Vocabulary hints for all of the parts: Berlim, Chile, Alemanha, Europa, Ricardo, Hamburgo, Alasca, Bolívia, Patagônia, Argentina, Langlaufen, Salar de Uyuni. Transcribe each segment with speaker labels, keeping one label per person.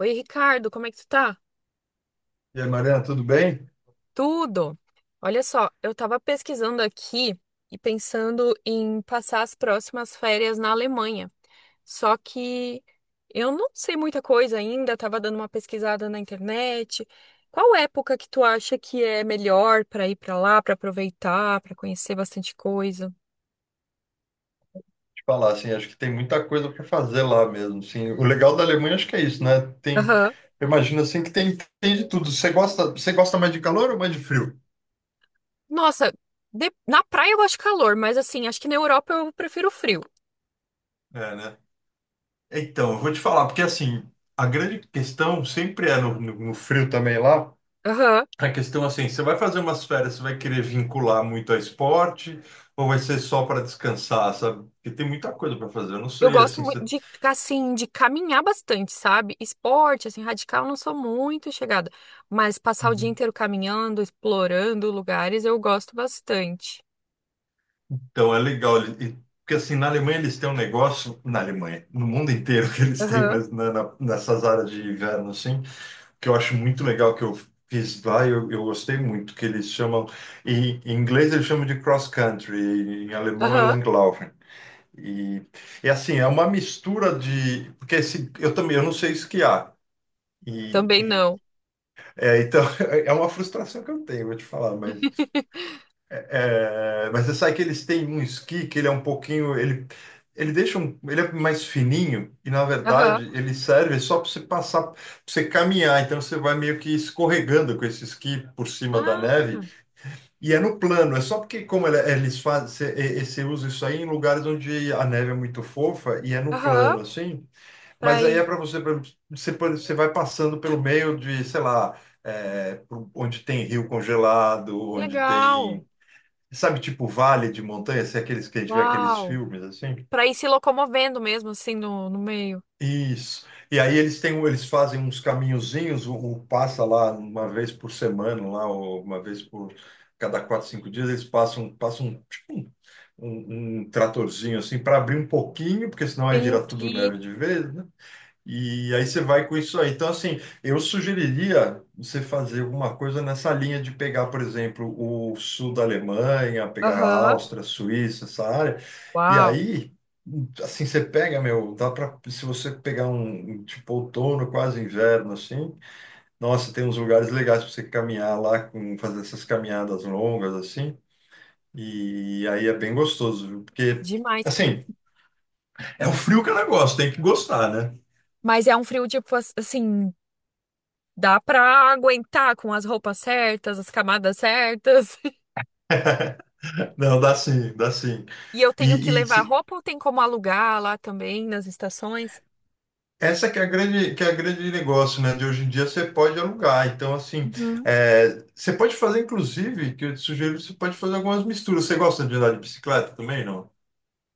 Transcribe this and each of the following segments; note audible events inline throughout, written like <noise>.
Speaker 1: Oi, Ricardo, como é que tu tá?
Speaker 2: E aí, Mariana, tudo bem?
Speaker 1: Tudo? Olha só, eu tava pesquisando aqui e pensando em passar as próximas férias na Alemanha. Só que eu não sei muita coisa ainda, tava dando uma pesquisada na internet. Qual época que tu acha que é melhor pra ir pra lá, pra aproveitar, pra conhecer bastante coisa?
Speaker 2: Te falar assim, acho que tem muita coisa para fazer lá mesmo. Assim, o legal da Alemanha acho que é isso, né?
Speaker 1: Aham.
Speaker 2: Eu imagino assim que tem de tudo. Você gosta mais de calor ou mais de frio?
Speaker 1: Nossa, na praia eu gosto de calor, mas assim, acho que na Europa eu prefiro frio.
Speaker 2: É, né? Então, eu vou te falar, porque assim, a grande questão sempre é no frio também lá.
Speaker 1: Aham.
Speaker 2: A questão assim, você vai fazer umas férias, você vai querer vincular muito a esporte ou vai ser só para descansar, sabe? Porque tem muita coisa para fazer. Eu não
Speaker 1: Eu
Speaker 2: sei
Speaker 1: gosto
Speaker 2: assim,
Speaker 1: muito
Speaker 2: você.
Speaker 1: de, assim, de caminhar bastante, sabe? Esporte, assim, radical, eu não sou muito chegada. Mas passar o dia inteiro caminhando, explorando lugares, eu gosto bastante.
Speaker 2: Então, é legal. Porque, assim, na Alemanha eles têm um negócio. Na Alemanha, no mundo inteiro que eles têm,
Speaker 1: Aham,
Speaker 2: mas nessas áreas de inverno, assim, que eu acho muito legal, que eu fiz lá e eu gostei muito, que eles chamam. Em inglês eles chamam de cross-country, em alemão é
Speaker 1: aham,
Speaker 2: Langlaufen. E, assim, é uma mistura de. Porque esse, eu também, eu não sei esquiar. E,
Speaker 1: também
Speaker 2: e-
Speaker 1: não.
Speaker 2: é, então, <laughs> é uma frustração que eu tenho, vou te falar, mas
Speaker 1: <laughs>
Speaker 2: é, mas você sabe que eles têm um esqui que ele é um pouquinho. Ele deixa um. Ele é mais fininho e, na
Speaker 1: Aham.
Speaker 2: verdade, ele serve só para você passar, para você caminhar. Então você vai meio que escorregando com esse esqui por cima da
Speaker 1: Ah,
Speaker 2: neve. E é no plano. É só porque, como eles fazem. E você usa isso aí em lugares onde a neve é muito fofa e é no
Speaker 1: aham,
Speaker 2: plano, assim.
Speaker 1: pra
Speaker 2: Mas aí
Speaker 1: ir.
Speaker 2: é para você. Você vai passando pelo meio de, sei lá. Onde tem rio congelado, onde
Speaker 1: Legal.
Speaker 2: tem. Sabe, tipo vale de montanha, se é aqueles que a gente vê aqueles
Speaker 1: Uau.
Speaker 2: filmes assim?
Speaker 1: Pra ir se locomovendo mesmo, assim, no meio.
Speaker 2: Isso. E aí eles têm, eles fazem uns caminhozinhos, o passa lá uma vez por semana, lá, ou uma vez por cada quatro, cinco dias, eles passam, um tratorzinho assim para abrir um pouquinho, porque senão aí vira tudo
Speaker 1: Entendi.
Speaker 2: neve de vez, né? E aí você vai com isso aí. Então, assim, eu sugeriria você fazer alguma coisa nessa linha de pegar, por exemplo, o sul da Alemanha, pegar a
Speaker 1: Aham.
Speaker 2: Áustria, Suíça, essa área. E
Speaker 1: Uau.
Speaker 2: aí, assim, você pega, meu, dá para, se você pegar um tipo, outono, quase inverno, assim, nossa, tem uns lugares legais para você caminhar lá, fazer essas caminhadas longas, assim. E aí é bem gostoso, viu? Porque,
Speaker 1: Demais.
Speaker 2: assim, é o frio que ela gosta, tem que gostar, né?
Speaker 1: Mas é um frio, tipo, assim. Dá pra aguentar com as roupas certas, as camadas certas. <laughs>
Speaker 2: Não, dá sim, dá sim.
Speaker 1: E eu tenho que
Speaker 2: E, e
Speaker 1: levar
Speaker 2: se-
Speaker 1: roupa ou tem como alugar lá também nas estações?
Speaker 2: essa que é a grande, que é a grande negócio, né? De hoje em dia você pode alugar. Então, assim,
Speaker 1: Uhum.
Speaker 2: você pode fazer, inclusive, que eu te sugiro, você pode fazer algumas misturas. Você gosta de andar de bicicleta também, não?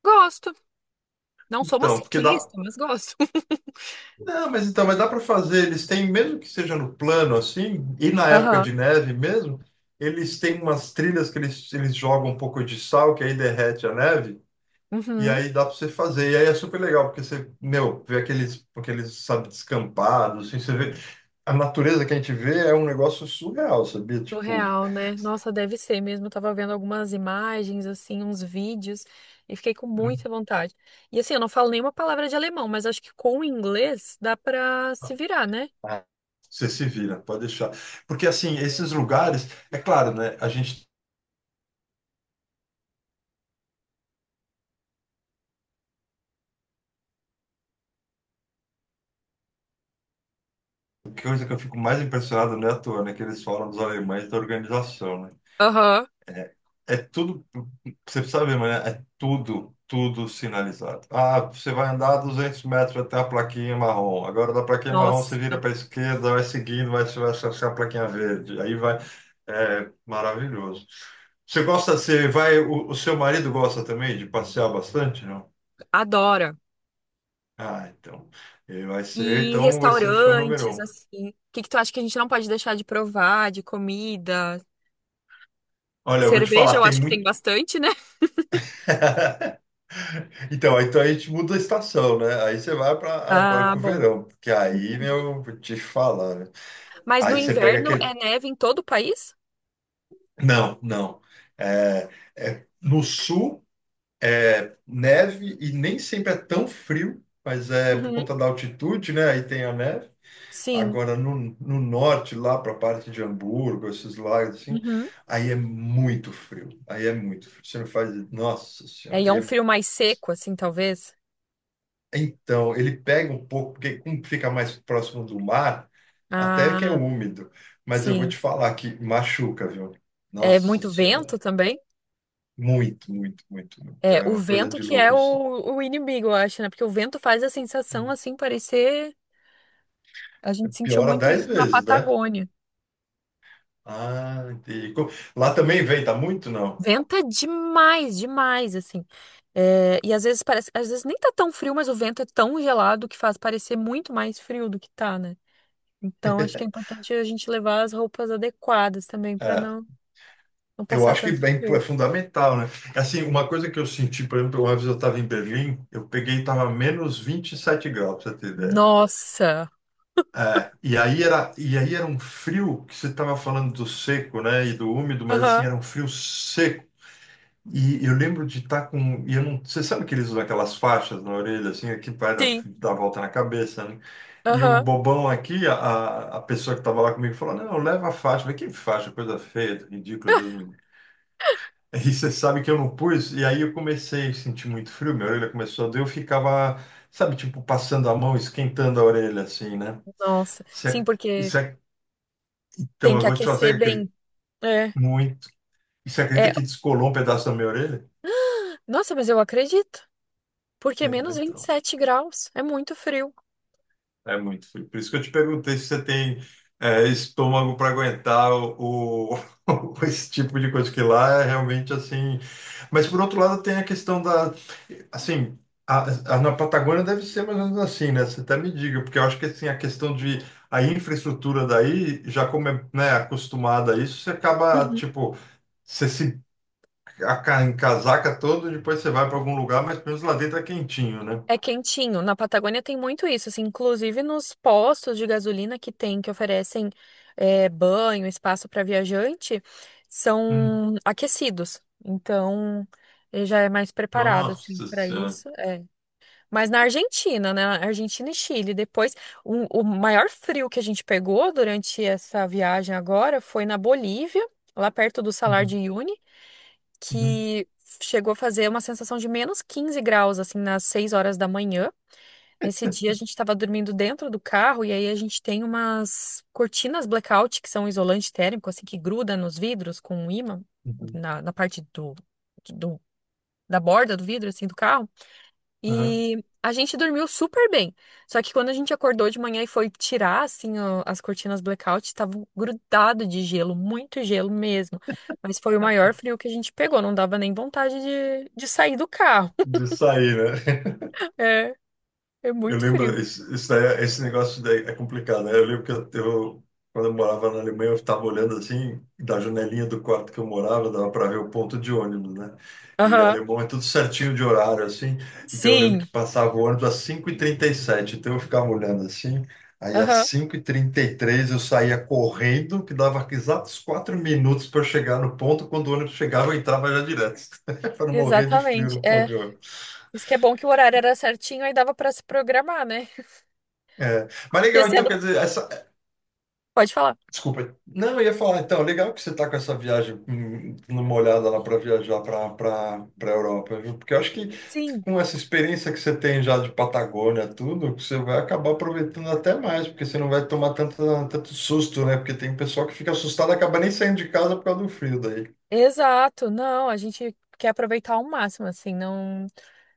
Speaker 1: Gosto. Não sou uma
Speaker 2: Então, porque dá.
Speaker 1: ciclista, mas gosto. <laughs>
Speaker 2: Não, mas então, mas dá para fazer. Eles têm, mesmo que seja no plano, assim, e na época
Speaker 1: Aham.
Speaker 2: de neve mesmo, eles têm umas trilhas que eles jogam um pouco de sal, que aí derrete a neve. E
Speaker 1: Uhum.
Speaker 2: aí dá pra você fazer. E aí é super legal, porque você, meu, vê aqueles, sabe, descampados, assim, você vê. A natureza que a gente vê é um negócio surreal, sabia? Tipo,
Speaker 1: Surreal, né? Nossa, deve ser mesmo. Eu tava vendo algumas imagens, assim, uns vídeos, e fiquei com muita vontade. E assim, eu não falo nenhuma palavra de alemão, mas acho que com o inglês dá pra se virar, né?
Speaker 2: ah, você se vira, pode deixar. Porque, assim, esses lugares, é claro, né? A gente. A coisa que eu fico mais impressionado não é à toa, né? Que eles falam dos alemães da organização, né?
Speaker 1: Aham.
Speaker 2: É tudo, você precisa ver, mas é tudo, tudo sinalizado. Ah, você vai andar 200 metros até a plaquinha marrom. Agora, da plaquinha marrom, você vira
Speaker 1: Nossa,
Speaker 2: para a esquerda, vai seguindo, vai, você vai achar a plaquinha verde. Aí vai. É maravilhoso. Você gosta, você vai, o seu marido gosta também de passear bastante, não?
Speaker 1: adoro.
Speaker 2: Ah, então. Ele vai ser,
Speaker 1: E
Speaker 2: então vai ser fã número
Speaker 1: restaurantes,
Speaker 2: um.
Speaker 1: assim. O que que tu acha que a gente não pode deixar de provar, de comida?
Speaker 2: Olha, eu vou te
Speaker 1: Cerveja,
Speaker 2: falar,
Speaker 1: eu
Speaker 2: tem
Speaker 1: acho que tem
Speaker 2: muito.
Speaker 1: bastante, né? <laughs>
Speaker 2: <laughs> Então, então a gente muda a estação, né? Aí você vai para
Speaker 1: Ah,
Speaker 2: o
Speaker 1: bom,
Speaker 2: verão, porque aí,
Speaker 1: entendi.
Speaker 2: meu, vou te falar, né?
Speaker 1: Mas no
Speaker 2: Aí você pega
Speaker 1: inverno é
Speaker 2: aquele.
Speaker 1: neve em todo o país?
Speaker 2: Não, não. É, é, no sul é neve e nem sempre é tão frio, mas é por
Speaker 1: Uhum.
Speaker 2: conta da altitude, né? Aí tem a neve.
Speaker 1: Sim.
Speaker 2: Agora no norte, lá para a parte de Hamburgo, esses lagos assim,
Speaker 1: Uhum.
Speaker 2: aí é muito frio. Aí é muito frio. Você não faz. Nossa
Speaker 1: É,
Speaker 2: Senhora.
Speaker 1: e é um frio mais seco, assim, talvez?
Speaker 2: Então, ele pega um pouco, porque como fica mais próximo do mar, até que é
Speaker 1: Ah,
Speaker 2: úmido. Mas eu vou te
Speaker 1: sim.
Speaker 2: falar que machuca, viu?
Speaker 1: É
Speaker 2: Nossa
Speaker 1: muito vento
Speaker 2: Senhora.
Speaker 1: também?
Speaker 2: Muito, muito, muito, muito.
Speaker 1: É,
Speaker 2: É
Speaker 1: o
Speaker 2: uma coisa
Speaker 1: vento
Speaker 2: de
Speaker 1: que é
Speaker 2: louco, assim.
Speaker 1: o inimigo, eu acho, né? Porque o vento faz a sensação, assim, parecer. A gente sentiu
Speaker 2: Piora
Speaker 1: muito
Speaker 2: dez
Speaker 1: isso na
Speaker 2: vezes, né?
Speaker 1: Patagônia.
Speaker 2: Ah, entendi. Lá também venta muito, não?
Speaker 1: Venta demais, demais, assim. É, e às vezes parece, às vezes nem tá tão frio, mas o vento é tão gelado que faz parecer muito mais frio do que tá, né? Então acho que é importante a gente levar as roupas adequadas também pra
Speaker 2: É,
Speaker 1: não
Speaker 2: eu
Speaker 1: passar
Speaker 2: acho que
Speaker 1: tanto
Speaker 2: bem, é
Speaker 1: frio.
Speaker 2: fundamental, né? Assim, uma coisa que eu senti, por exemplo, uma vez eu estava em Berlim, eu peguei, estava -27 graus, pra você ter ideia.
Speaker 1: Nossa.
Speaker 2: É, e aí era um frio que você estava falando do seco, né, e do úmido, mas assim,
Speaker 1: Aham.
Speaker 2: era um frio seco. E eu lembro de estar com, e eu não, você sabe que eles usam aquelas faixas na orelha, assim, aqui vai dar,
Speaker 1: Sim.
Speaker 2: dar volta na cabeça, né? E o
Speaker 1: Aham.
Speaker 2: bobão aqui, a pessoa que estava lá comigo, falou, não, leva a faixa. Eu falei, que faixa, coisa feia, ridícula, Deus me livre. <laughs> E você sabe que eu não pus, e aí eu comecei a sentir muito frio, minha orelha começou a doer, eu ficava, sabe, tipo, passando a mão, esquentando a orelha, assim, né?
Speaker 1: Nossa. Sim,
Speaker 2: Você-
Speaker 1: porque
Speaker 2: isso então,
Speaker 1: tem
Speaker 2: eu
Speaker 1: que
Speaker 2: vou te fazer
Speaker 1: aquecer
Speaker 2: que acredito
Speaker 1: bem. É.
Speaker 2: muito. E você
Speaker 1: É.
Speaker 2: acredita que descolou um pedaço da minha orelha?
Speaker 1: Nossa, mas eu acredito. Porque é
Speaker 2: É, né?
Speaker 1: menos vinte e
Speaker 2: Então,
Speaker 1: sete graus é muito frio.
Speaker 2: é muito frio. Por isso que eu te perguntei se você tem estômago para aguentar o, <laughs> esse tipo de coisa, que lá é realmente assim. Mas, por outro lado, tem a questão da. Assim, a- na Patagônia deve ser mais ou menos assim, né? Você até me diga, porque eu acho que assim, a questão de. A infraestrutura daí, já como é, né, acostumada a isso, você acaba, tipo. Você se em casaca todo, depois você vai para algum lugar, mas pelo menos lá dentro é quentinho, né?
Speaker 1: É quentinho. Na Patagônia tem muito isso, assim, inclusive nos postos de gasolina que tem, que oferecem é, banho, espaço para viajante,
Speaker 2: Hum.
Speaker 1: são aquecidos. Então, ele já é mais preparado, assim,
Speaker 2: Nossa
Speaker 1: para
Speaker 2: Senhora.
Speaker 1: isso. É. Mas na Argentina, né? Argentina e Chile, depois, o maior frio que a gente pegou durante essa viagem agora foi na Bolívia, lá perto do Salar
Speaker 2: Uhum,
Speaker 1: de Uyuni,
Speaker 2: uhum,
Speaker 1: que chegou a fazer uma sensação de -15 graus, assim, nas 6 horas da manhã. Nesse dia a gente estava dormindo dentro do carro e aí a gente tem umas cortinas blackout que são um isolante térmico, assim, que gruda nos vidros com um ímã
Speaker 2: uhum.
Speaker 1: na parte do da borda do vidro, assim, do carro.
Speaker 2: Aham.
Speaker 1: E a gente dormiu super bem. Só que quando a gente acordou de manhã e foi tirar, assim, as cortinas blackout, estavam grudado de gelo, muito gelo mesmo. Mas foi o maior frio que a gente pegou, não dava nem vontade de sair do carro. <laughs>
Speaker 2: De sair, né?
Speaker 1: É, é
Speaker 2: Eu
Speaker 1: muito frio.
Speaker 2: lembro, isso daí, esse negócio daí é complicado, né? Eu lembro que quando eu morava na Alemanha, eu estava olhando assim, da janelinha do quarto que eu morava, dava para ver o ponto de ônibus, né? E
Speaker 1: Aham.
Speaker 2: alemão é tudo certinho de horário, assim. Então eu lembro
Speaker 1: Sim.
Speaker 2: que passava o ônibus às 5:37, então eu ficava olhando assim. Aí às
Speaker 1: Aham.
Speaker 2: 5:33 eu saía correndo, que dava exatos 4 minutos para chegar no ponto. Quando o ônibus chegava, eu entrava já direto, <laughs> para não morrer de frio
Speaker 1: Exatamente.
Speaker 2: no ponto
Speaker 1: É,
Speaker 2: de ônibus.
Speaker 1: isso que é bom que o horário era certinho, aí dava pra se programar, né?
Speaker 2: É. Mas
Speaker 1: E
Speaker 2: legal, então
Speaker 1: sendo,
Speaker 2: quer dizer, essa.
Speaker 1: pode falar.
Speaker 2: Desculpa. Não, eu ia falar, então, legal que você está com essa viagem, dando uma olhada lá para viajar para Europa, viu? Porque eu acho que
Speaker 1: Sim,
Speaker 2: com essa experiência que você tem já de Patagônia, tudo, você vai acabar aproveitando até mais, porque você não vai tomar tanto susto, né? Porque tem pessoal que fica assustado e acaba nem saindo de casa por causa do frio daí.
Speaker 1: exato. Não, a gente quer aproveitar ao máximo, assim, não.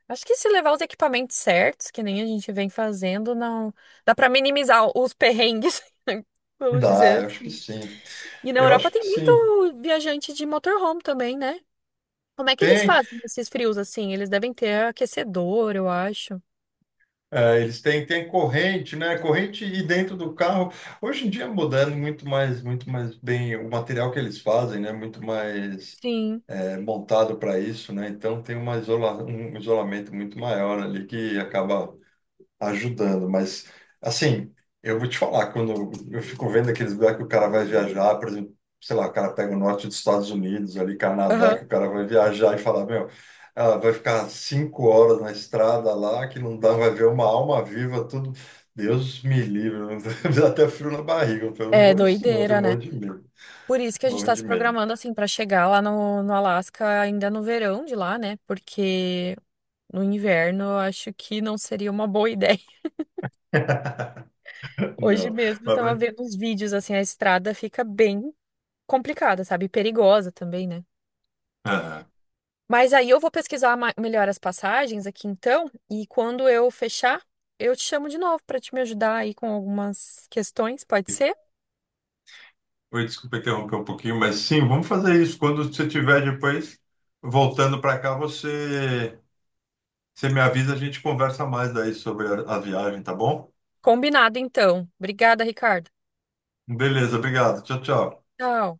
Speaker 1: Acho que se levar os equipamentos certos, que nem a gente vem fazendo, não dá pra minimizar os perrengues, <laughs> vamos
Speaker 2: Dá,
Speaker 1: dizer
Speaker 2: eu acho que
Speaker 1: assim.
Speaker 2: sim.
Speaker 1: E na
Speaker 2: Eu
Speaker 1: Europa
Speaker 2: acho
Speaker 1: tem
Speaker 2: que
Speaker 1: muito
Speaker 2: sim.
Speaker 1: viajante de motorhome também, né? Como é que eles
Speaker 2: Tem.
Speaker 1: fazem esses frios assim? Eles devem ter aquecedor, eu acho.
Speaker 2: É, eles têm corrente, né? Corrente e dentro do carro. Hoje em dia mudando muito mais bem. O material que eles fazem, né? Muito mais
Speaker 1: Sim.
Speaker 2: montado para isso, né? Então tem um isolamento muito maior ali que acaba ajudando. Mas, assim, eu vou te falar, quando eu fico vendo aqueles lugares que o cara vai viajar, por exemplo, sei lá, o cara pega o norte dos Estados Unidos, ali, Canadá,
Speaker 1: Aham.
Speaker 2: que o cara vai viajar e falar meu, ah, vai ficar 5 horas na estrada lá, que não dá, vai ver uma alma viva, tudo. Deus me livre, <laughs> me dá até frio na barriga. Eu falo, não
Speaker 1: É
Speaker 2: vou isso, não, eu tenho
Speaker 1: doideira,
Speaker 2: um
Speaker 1: né?
Speaker 2: monte de medo,
Speaker 1: Por isso que a gente
Speaker 2: morro
Speaker 1: está se
Speaker 2: de medo.
Speaker 1: programando assim para chegar lá no Alasca ainda no verão de lá, né? Porque no inverno eu acho que não seria uma boa ideia. <laughs>
Speaker 2: <laughs>
Speaker 1: Hoje
Speaker 2: Não,
Speaker 1: mesmo eu
Speaker 2: mas
Speaker 1: tava
Speaker 2: vai.
Speaker 1: vendo uns vídeos assim, a estrada fica bem complicada, sabe? E perigosa também, né?
Speaker 2: Ah.
Speaker 1: Mas aí eu vou pesquisar melhor as passagens aqui então, e quando eu fechar, eu te chamo de novo para te me ajudar aí com algumas questões, pode ser?
Speaker 2: Oi, desculpa interromper um pouquinho, mas sim, vamos fazer isso. Quando você tiver depois voltando para cá, você me avisa, a gente conversa mais daí sobre a viagem, tá bom?
Speaker 1: Combinado então. Obrigada, Ricardo.
Speaker 2: Beleza, obrigado. Tchau, tchau.
Speaker 1: Tchau.